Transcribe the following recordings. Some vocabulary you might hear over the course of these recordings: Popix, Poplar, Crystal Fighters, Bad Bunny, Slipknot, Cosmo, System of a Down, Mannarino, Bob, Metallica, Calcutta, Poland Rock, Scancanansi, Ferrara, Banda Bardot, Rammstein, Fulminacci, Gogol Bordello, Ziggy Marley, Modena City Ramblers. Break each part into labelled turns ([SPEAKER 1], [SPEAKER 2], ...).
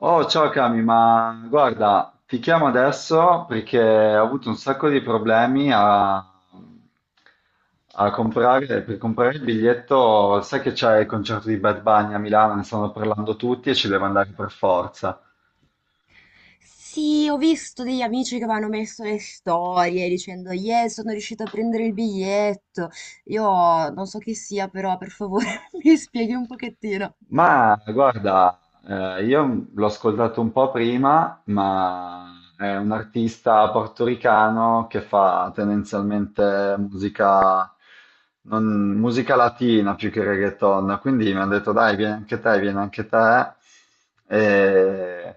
[SPEAKER 1] Oh, ciao Cami, ma guarda, ti chiamo adesso perché ho avuto un sacco di problemi a comprare il biglietto. Sai che c'è il concerto di Bad Bunny a Milano, ne stanno parlando tutti e ci devo andare per forza.
[SPEAKER 2] Sì, ho visto degli amici che mi hanno messo le storie dicendo, yeah, sono riuscito a prendere il biglietto. Io non so chi sia, però per favore mi spieghi un pochettino.
[SPEAKER 1] Ma guarda, io l'ho ascoltato un po' prima, ma è un artista portoricano che fa tendenzialmente musica, musica latina più che reggaeton, quindi mi hanno detto dai, vieni anche te, vieni anche te. E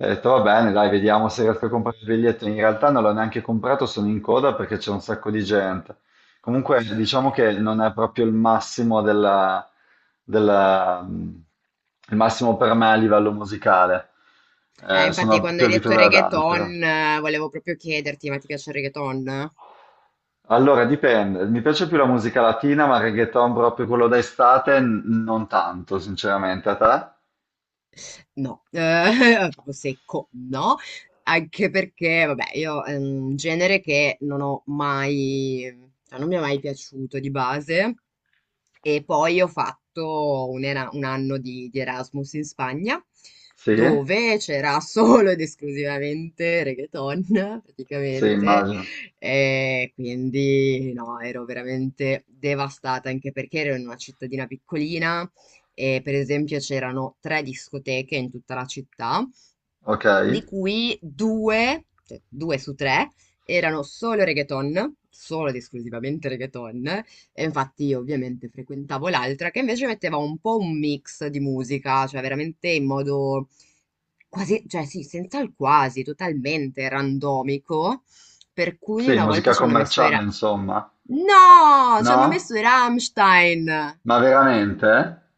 [SPEAKER 1] ho detto va bene, dai, vediamo se riesco a comprare il biglietto. In realtà non l'ho neanche comprato, sono in coda perché c'è un sacco di gente. Comunque diciamo che non è proprio il massimo della- mm, il massimo per me a livello musicale.
[SPEAKER 2] Infatti,
[SPEAKER 1] Sono
[SPEAKER 2] quando
[SPEAKER 1] più
[SPEAKER 2] hai detto
[SPEAKER 1] abituato ad altro.
[SPEAKER 2] reggaeton, volevo proprio chiederti, ma ti piace il reggaeton?
[SPEAKER 1] Allora, dipende. Mi piace più la musica latina, ma il reggaeton proprio quello d'estate non tanto, sinceramente. A te?
[SPEAKER 2] No, proprio secco, no. Anche perché, vabbè, io è un genere che non ho mai, cioè non mi è mai piaciuto di base. E poi ho fatto un anno di Erasmus in Spagna,
[SPEAKER 1] Sì?
[SPEAKER 2] dove c'era solo ed esclusivamente reggaeton,
[SPEAKER 1] Sì,
[SPEAKER 2] praticamente.
[SPEAKER 1] immagino.
[SPEAKER 2] E quindi no, ero veramente devastata, anche perché ero in una cittadina piccolina e per esempio c'erano tre discoteche in tutta la città
[SPEAKER 1] Ok.
[SPEAKER 2] di cui due, cioè due su tre, erano solo reggaeton, solo ed esclusivamente reggaeton, e infatti io ovviamente frequentavo l'altra che invece metteva un po' un mix di musica, cioè veramente in modo quasi, cioè sì, senza il quasi, totalmente randomico, per cui
[SPEAKER 1] Sì,
[SPEAKER 2] una volta
[SPEAKER 1] musica
[SPEAKER 2] ci hanno messo i...
[SPEAKER 1] commerciale,
[SPEAKER 2] Ra-
[SPEAKER 1] insomma.
[SPEAKER 2] No, ci hanno messo
[SPEAKER 1] No?
[SPEAKER 2] i Rammstein.
[SPEAKER 1] Ma veramente?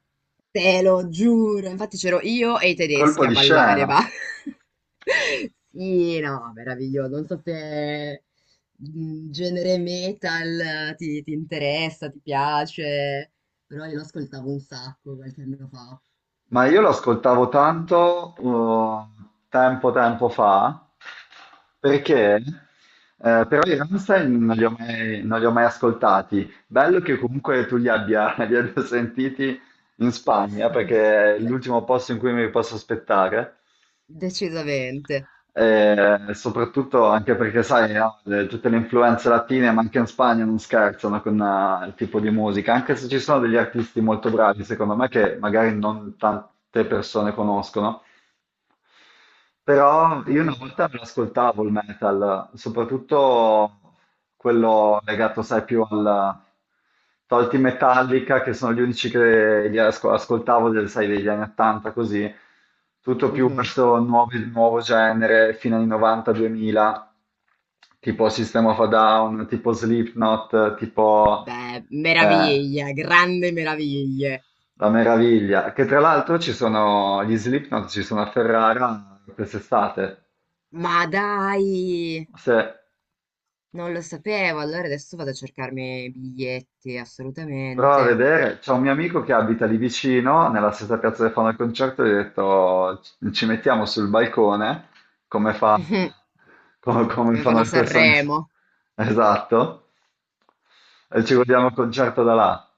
[SPEAKER 2] Te lo giuro, infatti c'ero io e i
[SPEAKER 1] Colpo
[SPEAKER 2] tedeschi a
[SPEAKER 1] di
[SPEAKER 2] ballare, ma...
[SPEAKER 1] scena.
[SPEAKER 2] Sì, no, meraviglioso. Non so se mm, genere metal eh, ti interessa, ti piace, però io lo ascoltavo un sacco qualche anno fa.
[SPEAKER 1] Ma io lo ascoltavo tanto, tempo fa, perché però i Rammstein non li ho mai ascoltati. Bello che comunque tu li abbia, li abbia sentiti in Spagna, perché è l'ultimo posto in cui mi posso aspettare.
[SPEAKER 2] Decisamente.
[SPEAKER 1] E soprattutto anche perché, sai, no, tutte le influenze latine, ma anche in Spagna non scherzano con, il tipo di musica, anche se ci sono degli artisti molto bravi, secondo me, che magari non tante persone conoscono. Però
[SPEAKER 2] Mm,
[SPEAKER 1] io
[SPEAKER 2] mm,
[SPEAKER 1] una
[SPEAKER 2] mm.
[SPEAKER 1] volta me lo ascoltavo il metal, soprattutto quello legato, sai, più al. Tolti Metallica, che sono gli unici che ascoltavo, sai, degli anni 80, così. Tutto più
[SPEAKER 2] Mhm.
[SPEAKER 1] verso nuovo genere, fino anni 90-2000, tipo System of a Down, tipo Slipknot,
[SPEAKER 2] Beh,
[SPEAKER 1] eh,
[SPEAKER 2] meraviglia, grande meraviglie.
[SPEAKER 1] la meraviglia, che tra l'altro ci sono gli Slipknot, ci sono a Ferrara quest'estate.
[SPEAKER 2] Ma dai,
[SPEAKER 1] Se
[SPEAKER 2] non lo sapevo, allora adesso vado a cercarmi i biglietti,
[SPEAKER 1] prova a
[SPEAKER 2] assolutamente.
[SPEAKER 1] vedere, c'è un mio amico che abita lì vicino, nella stessa piazza dove fanno il concerto, e gli ho detto: "Ci mettiamo sul balcone, come fa- come
[SPEAKER 2] Come fanno
[SPEAKER 1] fanno
[SPEAKER 2] a
[SPEAKER 1] le persone."
[SPEAKER 2] Sanremo.
[SPEAKER 1] Esatto, e ci guardiamo il concerto da là,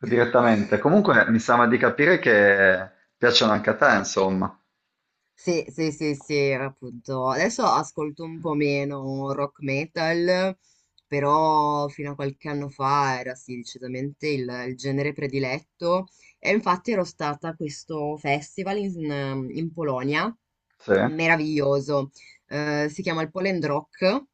[SPEAKER 1] direttamente. Comunque mi sembra di capire che piacciono anche a te, insomma.
[SPEAKER 2] Sì, sì, sì, sì, appunto. Adesso ascolto un po' meno rock metal, però fino a qualche anno fa era sì, decisamente il genere prediletto. E infatti ero stata a questo festival in Polonia,
[SPEAKER 1] Sì,
[SPEAKER 2] meraviglioso. Si chiama il Poland Rock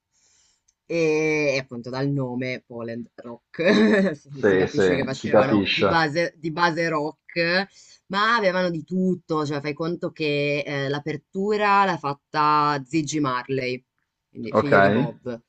[SPEAKER 2] e appunto dal nome Poland Rock si
[SPEAKER 1] sì,
[SPEAKER 2] capisce che
[SPEAKER 1] sì, si
[SPEAKER 2] facevano
[SPEAKER 1] capisce.
[SPEAKER 2] di base rock. Ma avevano di tutto, cioè fai conto che, l'apertura l'ha fatta Ziggy Marley, quindi
[SPEAKER 1] Ok,
[SPEAKER 2] figlio di Bob.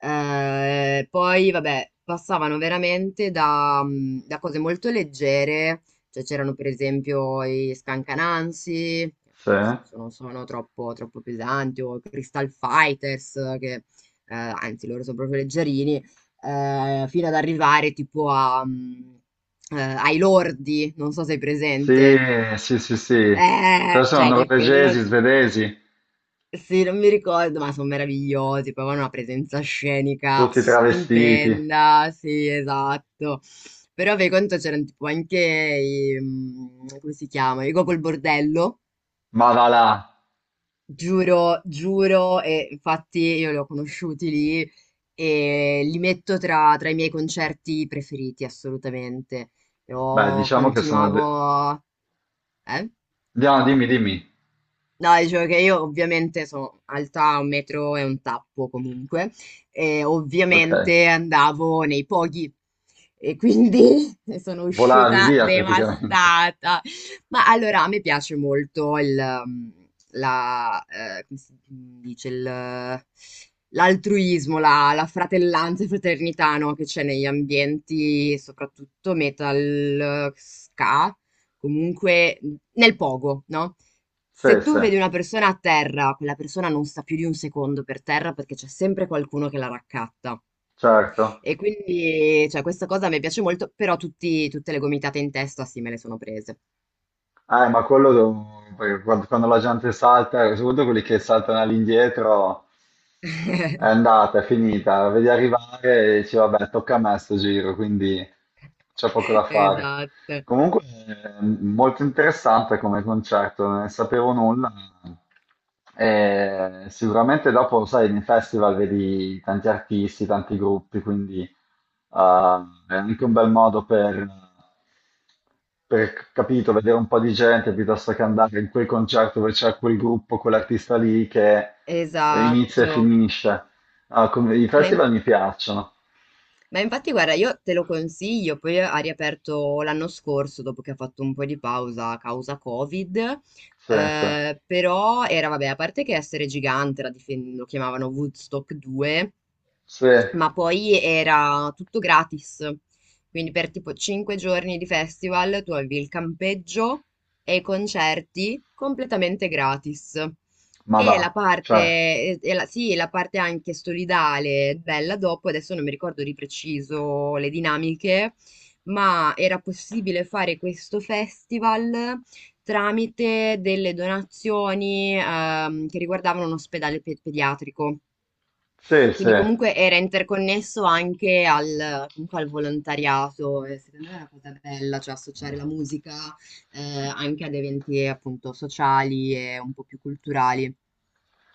[SPEAKER 2] Poi vabbè, passavano veramente da, da cose molto leggere, cioè c'erano per esempio i Scancanansi, che
[SPEAKER 1] sì.
[SPEAKER 2] nel senso non sono troppo, troppo pesanti, o i Crystal Fighters che, anzi loro sono proprio leggerini, fino ad arrivare tipo a, ai lordi, non so se hai
[SPEAKER 1] Sì,
[SPEAKER 2] presente.
[SPEAKER 1] sì, sì, sì. Cosa sono?
[SPEAKER 2] Cioè che
[SPEAKER 1] Norvegesi,
[SPEAKER 2] quello,
[SPEAKER 1] svedesi?
[SPEAKER 2] sì, non mi ricordo, ma sono meravigliosi, poi avevano una presenza scenica
[SPEAKER 1] Tutti travestiti,
[SPEAKER 2] stupenda, sì, esatto. Però per conto c'erano tipo anche i, come si chiama? I Gogol Bordello.
[SPEAKER 1] ma va là.
[SPEAKER 2] Giuro, giuro, e infatti io li ho conosciuti lì e li metto tra i miei concerti preferiti, assolutamente.
[SPEAKER 1] Beh,
[SPEAKER 2] Io
[SPEAKER 1] diciamo che sono.
[SPEAKER 2] continuavo... Eh?
[SPEAKER 1] No, dimmi, dimmi.
[SPEAKER 2] No, dicevo che io ovviamente sono alta un metro e un tappo comunque, e
[SPEAKER 1] Ok.
[SPEAKER 2] ovviamente andavo nei pochi e quindi ne sono
[SPEAKER 1] Volavi
[SPEAKER 2] uscita
[SPEAKER 1] via praticamente.
[SPEAKER 2] devastata. Ma allora a me piace molto il, um, la, come si dice, il, l'altruismo, la fratellanza e fraternità, no, che c'è negli ambienti, soprattutto metal, ska, comunque nel pogo, no?
[SPEAKER 1] Sì,
[SPEAKER 2] Se tu
[SPEAKER 1] sì,
[SPEAKER 2] vedi una persona a terra, quella persona non sta più di un secondo per terra perché c'è sempre qualcuno che la raccatta.
[SPEAKER 1] certo.
[SPEAKER 2] E quindi, cioè, questa cosa mi piace molto, però tutte le gomitate in testa sì me le sono prese.
[SPEAKER 1] Ma perché quando la gente salta, soprattutto quelli che saltano all'indietro, è andata, è finita, la vedi arrivare e dici vabbè, tocca a me sto giro, quindi c'è poco da fare.
[SPEAKER 2] Esatto,
[SPEAKER 1] Comunque, è molto interessante come concerto, non ne sapevo nulla. E sicuramente dopo, sai, nei festival vedi tanti artisti, tanti gruppi, quindi, è anche un bel modo per, capito, vedere un po' di gente piuttosto che andare in quel concerto dove c'è quel gruppo, quell'artista lì che inizia e
[SPEAKER 2] esatto.
[SPEAKER 1] finisce. Ah, i
[SPEAKER 2] Ma, in-
[SPEAKER 1] festival mi piacciono.
[SPEAKER 2] ma infatti, guarda, io te lo consiglio, poi ha riaperto l'anno scorso, dopo che ha fatto un po' di pausa a causa Covid.
[SPEAKER 1] Sì, sì,
[SPEAKER 2] Eh, però era, vabbè, a parte che essere gigante, lo chiamavano Woodstock 2,
[SPEAKER 1] sì,
[SPEAKER 2] ma poi era tutto gratis. Quindi per tipo cinque giorni di festival tu avevi il campeggio e i concerti completamente gratis.
[SPEAKER 1] ma va,
[SPEAKER 2] E la parte,
[SPEAKER 1] cioè,
[SPEAKER 2] sì, la parte anche solidale, bella dopo, adesso non mi ricordo di preciso le dinamiche, ma era possibile fare questo festival tramite delle donazioni, che riguardavano un ospedale pediatrico.
[SPEAKER 1] sì, sì,
[SPEAKER 2] Quindi comunque era interconnesso anche al, comunque al volontariato e secondo me è una cosa bella, cioè associare la musica anche ad eventi appunto sociali e un po' più culturali.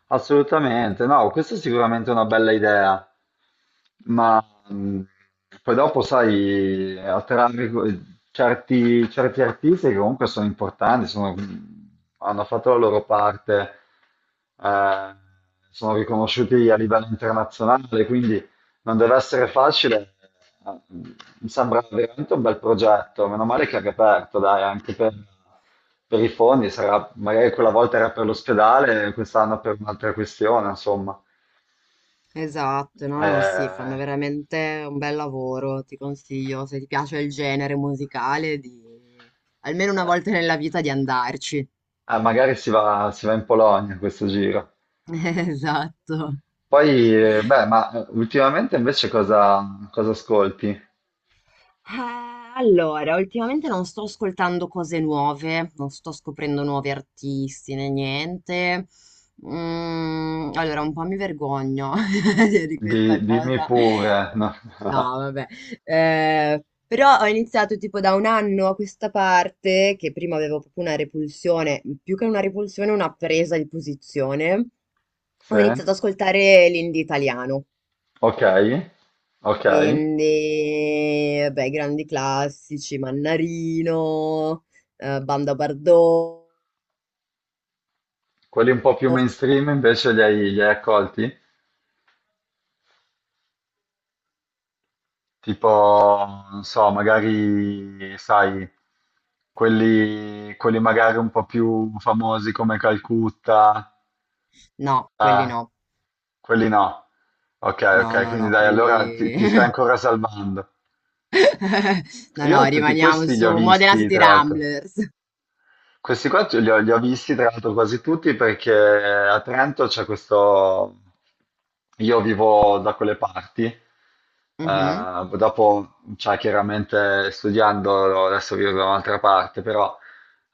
[SPEAKER 1] assolutamente. No, questa è sicuramente una bella idea, ma, mh, poi dopo, sai, attrarre certi artisti che comunque sono importanti, hanno fatto la loro parte, eh, sono riconosciuti a livello internazionale, quindi non deve essere facile, eh, mi sembra veramente un bel progetto, meno male che è riaperto, dai, anche per, i fondi, sarà, magari quella volta era per l'ospedale, quest'anno per un'altra questione, insomma.
[SPEAKER 2] Esatto, no, no, sì,
[SPEAKER 1] Eh,
[SPEAKER 2] fanno veramente un bel lavoro, ti consiglio, se ti piace il genere musicale, di almeno una volta nella vita di andarci.
[SPEAKER 1] magari si va in Polonia questo giro.
[SPEAKER 2] Esatto.
[SPEAKER 1] Poi, beh, ma, ultimamente invece cosa ascolti?
[SPEAKER 2] Allora, ultimamente non sto ascoltando cose nuove, non sto scoprendo nuovi artisti né niente. Mm, allora, un po' mi vergogno di questa
[SPEAKER 1] Dimmi
[SPEAKER 2] cosa.
[SPEAKER 1] pure. No?
[SPEAKER 2] No, vabbè. Però ho iniziato tipo da un anno a questa parte, che prima avevo proprio una repulsione, più che una repulsione, una presa di posizione. Ho
[SPEAKER 1] Sì?
[SPEAKER 2] iniziato ad ascoltare l'indie italiano.
[SPEAKER 1] Ok, ok.
[SPEAKER 2] Quindi, vabbè, grandi classici, Mannarino, Banda Bardot.
[SPEAKER 1] Quelli un po' più mainstream invece li hai accolti? Tipo, non so, magari, sai, quelli magari un po' più famosi come Calcutta,
[SPEAKER 2] No, quelli no.
[SPEAKER 1] quelli no. Ok,
[SPEAKER 2] No,
[SPEAKER 1] ok,
[SPEAKER 2] no,
[SPEAKER 1] quindi
[SPEAKER 2] no,
[SPEAKER 1] dai, allora ti,
[SPEAKER 2] quelli...
[SPEAKER 1] ti stai ancora salvando.
[SPEAKER 2] No, no,
[SPEAKER 1] Io tutti
[SPEAKER 2] rimaniamo
[SPEAKER 1] questi li ho
[SPEAKER 2] su Modena
[SPEAKER 1] visti,
[SPEAKER 2] City
[SPEAKER 1] tra l'altro.
[SPEAKER 2] Ramblers.
[SPEAKER 1] Questi qua li ho visti tra l'altro quasi tutti perché a Trento c'è questo. Io vivo da quelle parti,
[SPEAKER 2] Mhm.
[SPEAKER 1] dopo, cioè, chiaramente studiando, adesso vivo da un'altra parte, però,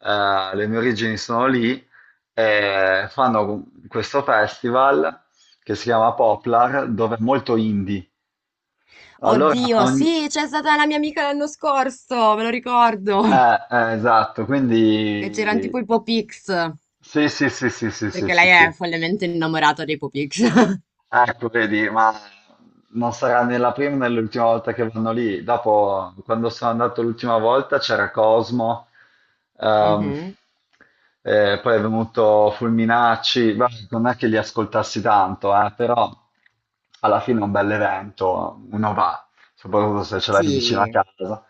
[SPEAKER 1] le mie origini sono lì e fanno questo festival che si chiama Poplar, dove è molto indie. Allora,
[SPEAKER 2] Oddio,
[SPEAKER 1] ogni...
[SPEAKER 2] sì, c'è stata la mia amica l'anno scorso, me lo ricordo,
[SPEAKER 1] eh, esatto,
[SPEAKER 2] che c'erano tipo
[SPEAKER 1] quindi.
[SPEAKER 2] i Popix,
[SPEAKER 1] Sì, sì, sì, sì, sì, sì,
[SPEAKER 2] perché
[SPEAKER 1] sì,
[SPEAKER 2] lei è
[SPEAKER 1] sì.
[SPEAKER 2] follemente innamorata dei Popix.
[SPEAKER 1] Ecco, vedi, ma non sarà né la prima né l'ultima volta che vanno lì. Dopo, quando sono andato l'ultima volta, c'era Cosmo, ehm,
[SPEAKER 2] Mhm.
[SPEAKER 1] poi è venuto Fulminacci. Beh, non è che li ascoltassi tanto, però alla fine è un bel evento, uno va, soprattutto se ce l'hai vicino a
[SPEAKER 2] Sì.
[SPEAKER 1] casa,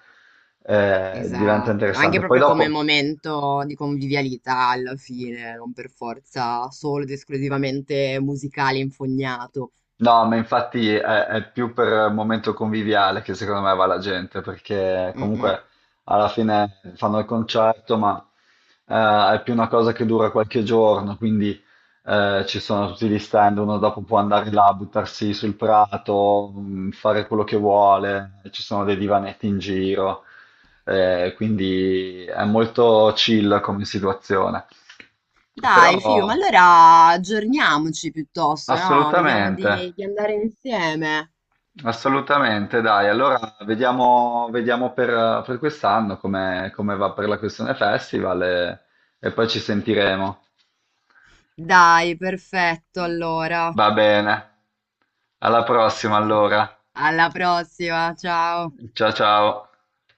[SPEAKER 1] diventa
[SPEAKER 2] Esatto, anche
[SPEAKER 1] interessante. Poi
[SPEAKER 2] proprio come
[SPEAKER 1] dopo.
[SPEAKER 2] momento di convivialità alla fine, non per forza solo ed esclusivamente musicale infognato.
[SPEAKER 1] No, ma infatti è più per momento conviviale che secondo me va la gente, perché
[SPEAKER 2] Mm-mm.
[SPEAKER 1] comunque alla fine fanno il concerto, ma, è più una cosa che dura qualche giorno, quindi, ci sono tutti gli stand, uno dopo può andare là, buttarsi sul prato, fare quello che vuole, ci sono dei divanetti in giro, quindi è molto chill come situazione. Però
[SPEAKER 2] Dai, figo, ma allora aggiorniamoci piuttosto, no? Vediamo
[SPEAKER 1] assolutamente.
[SPEAKER 2] di andare insieme.
[SPEAKER 1] Assolutamente, dai. Allora vediamo per, quest'anno come, va per la questione festival, e poi ci sentiremo.
[SPEAKER 2] Dai, perfetto, allora.
[SPEAKER 1] Va bene. Alla prossima allora.
[SPEAKER 2] Alla prossima, ciao.
[SPEAKER 1] Ciao ciao.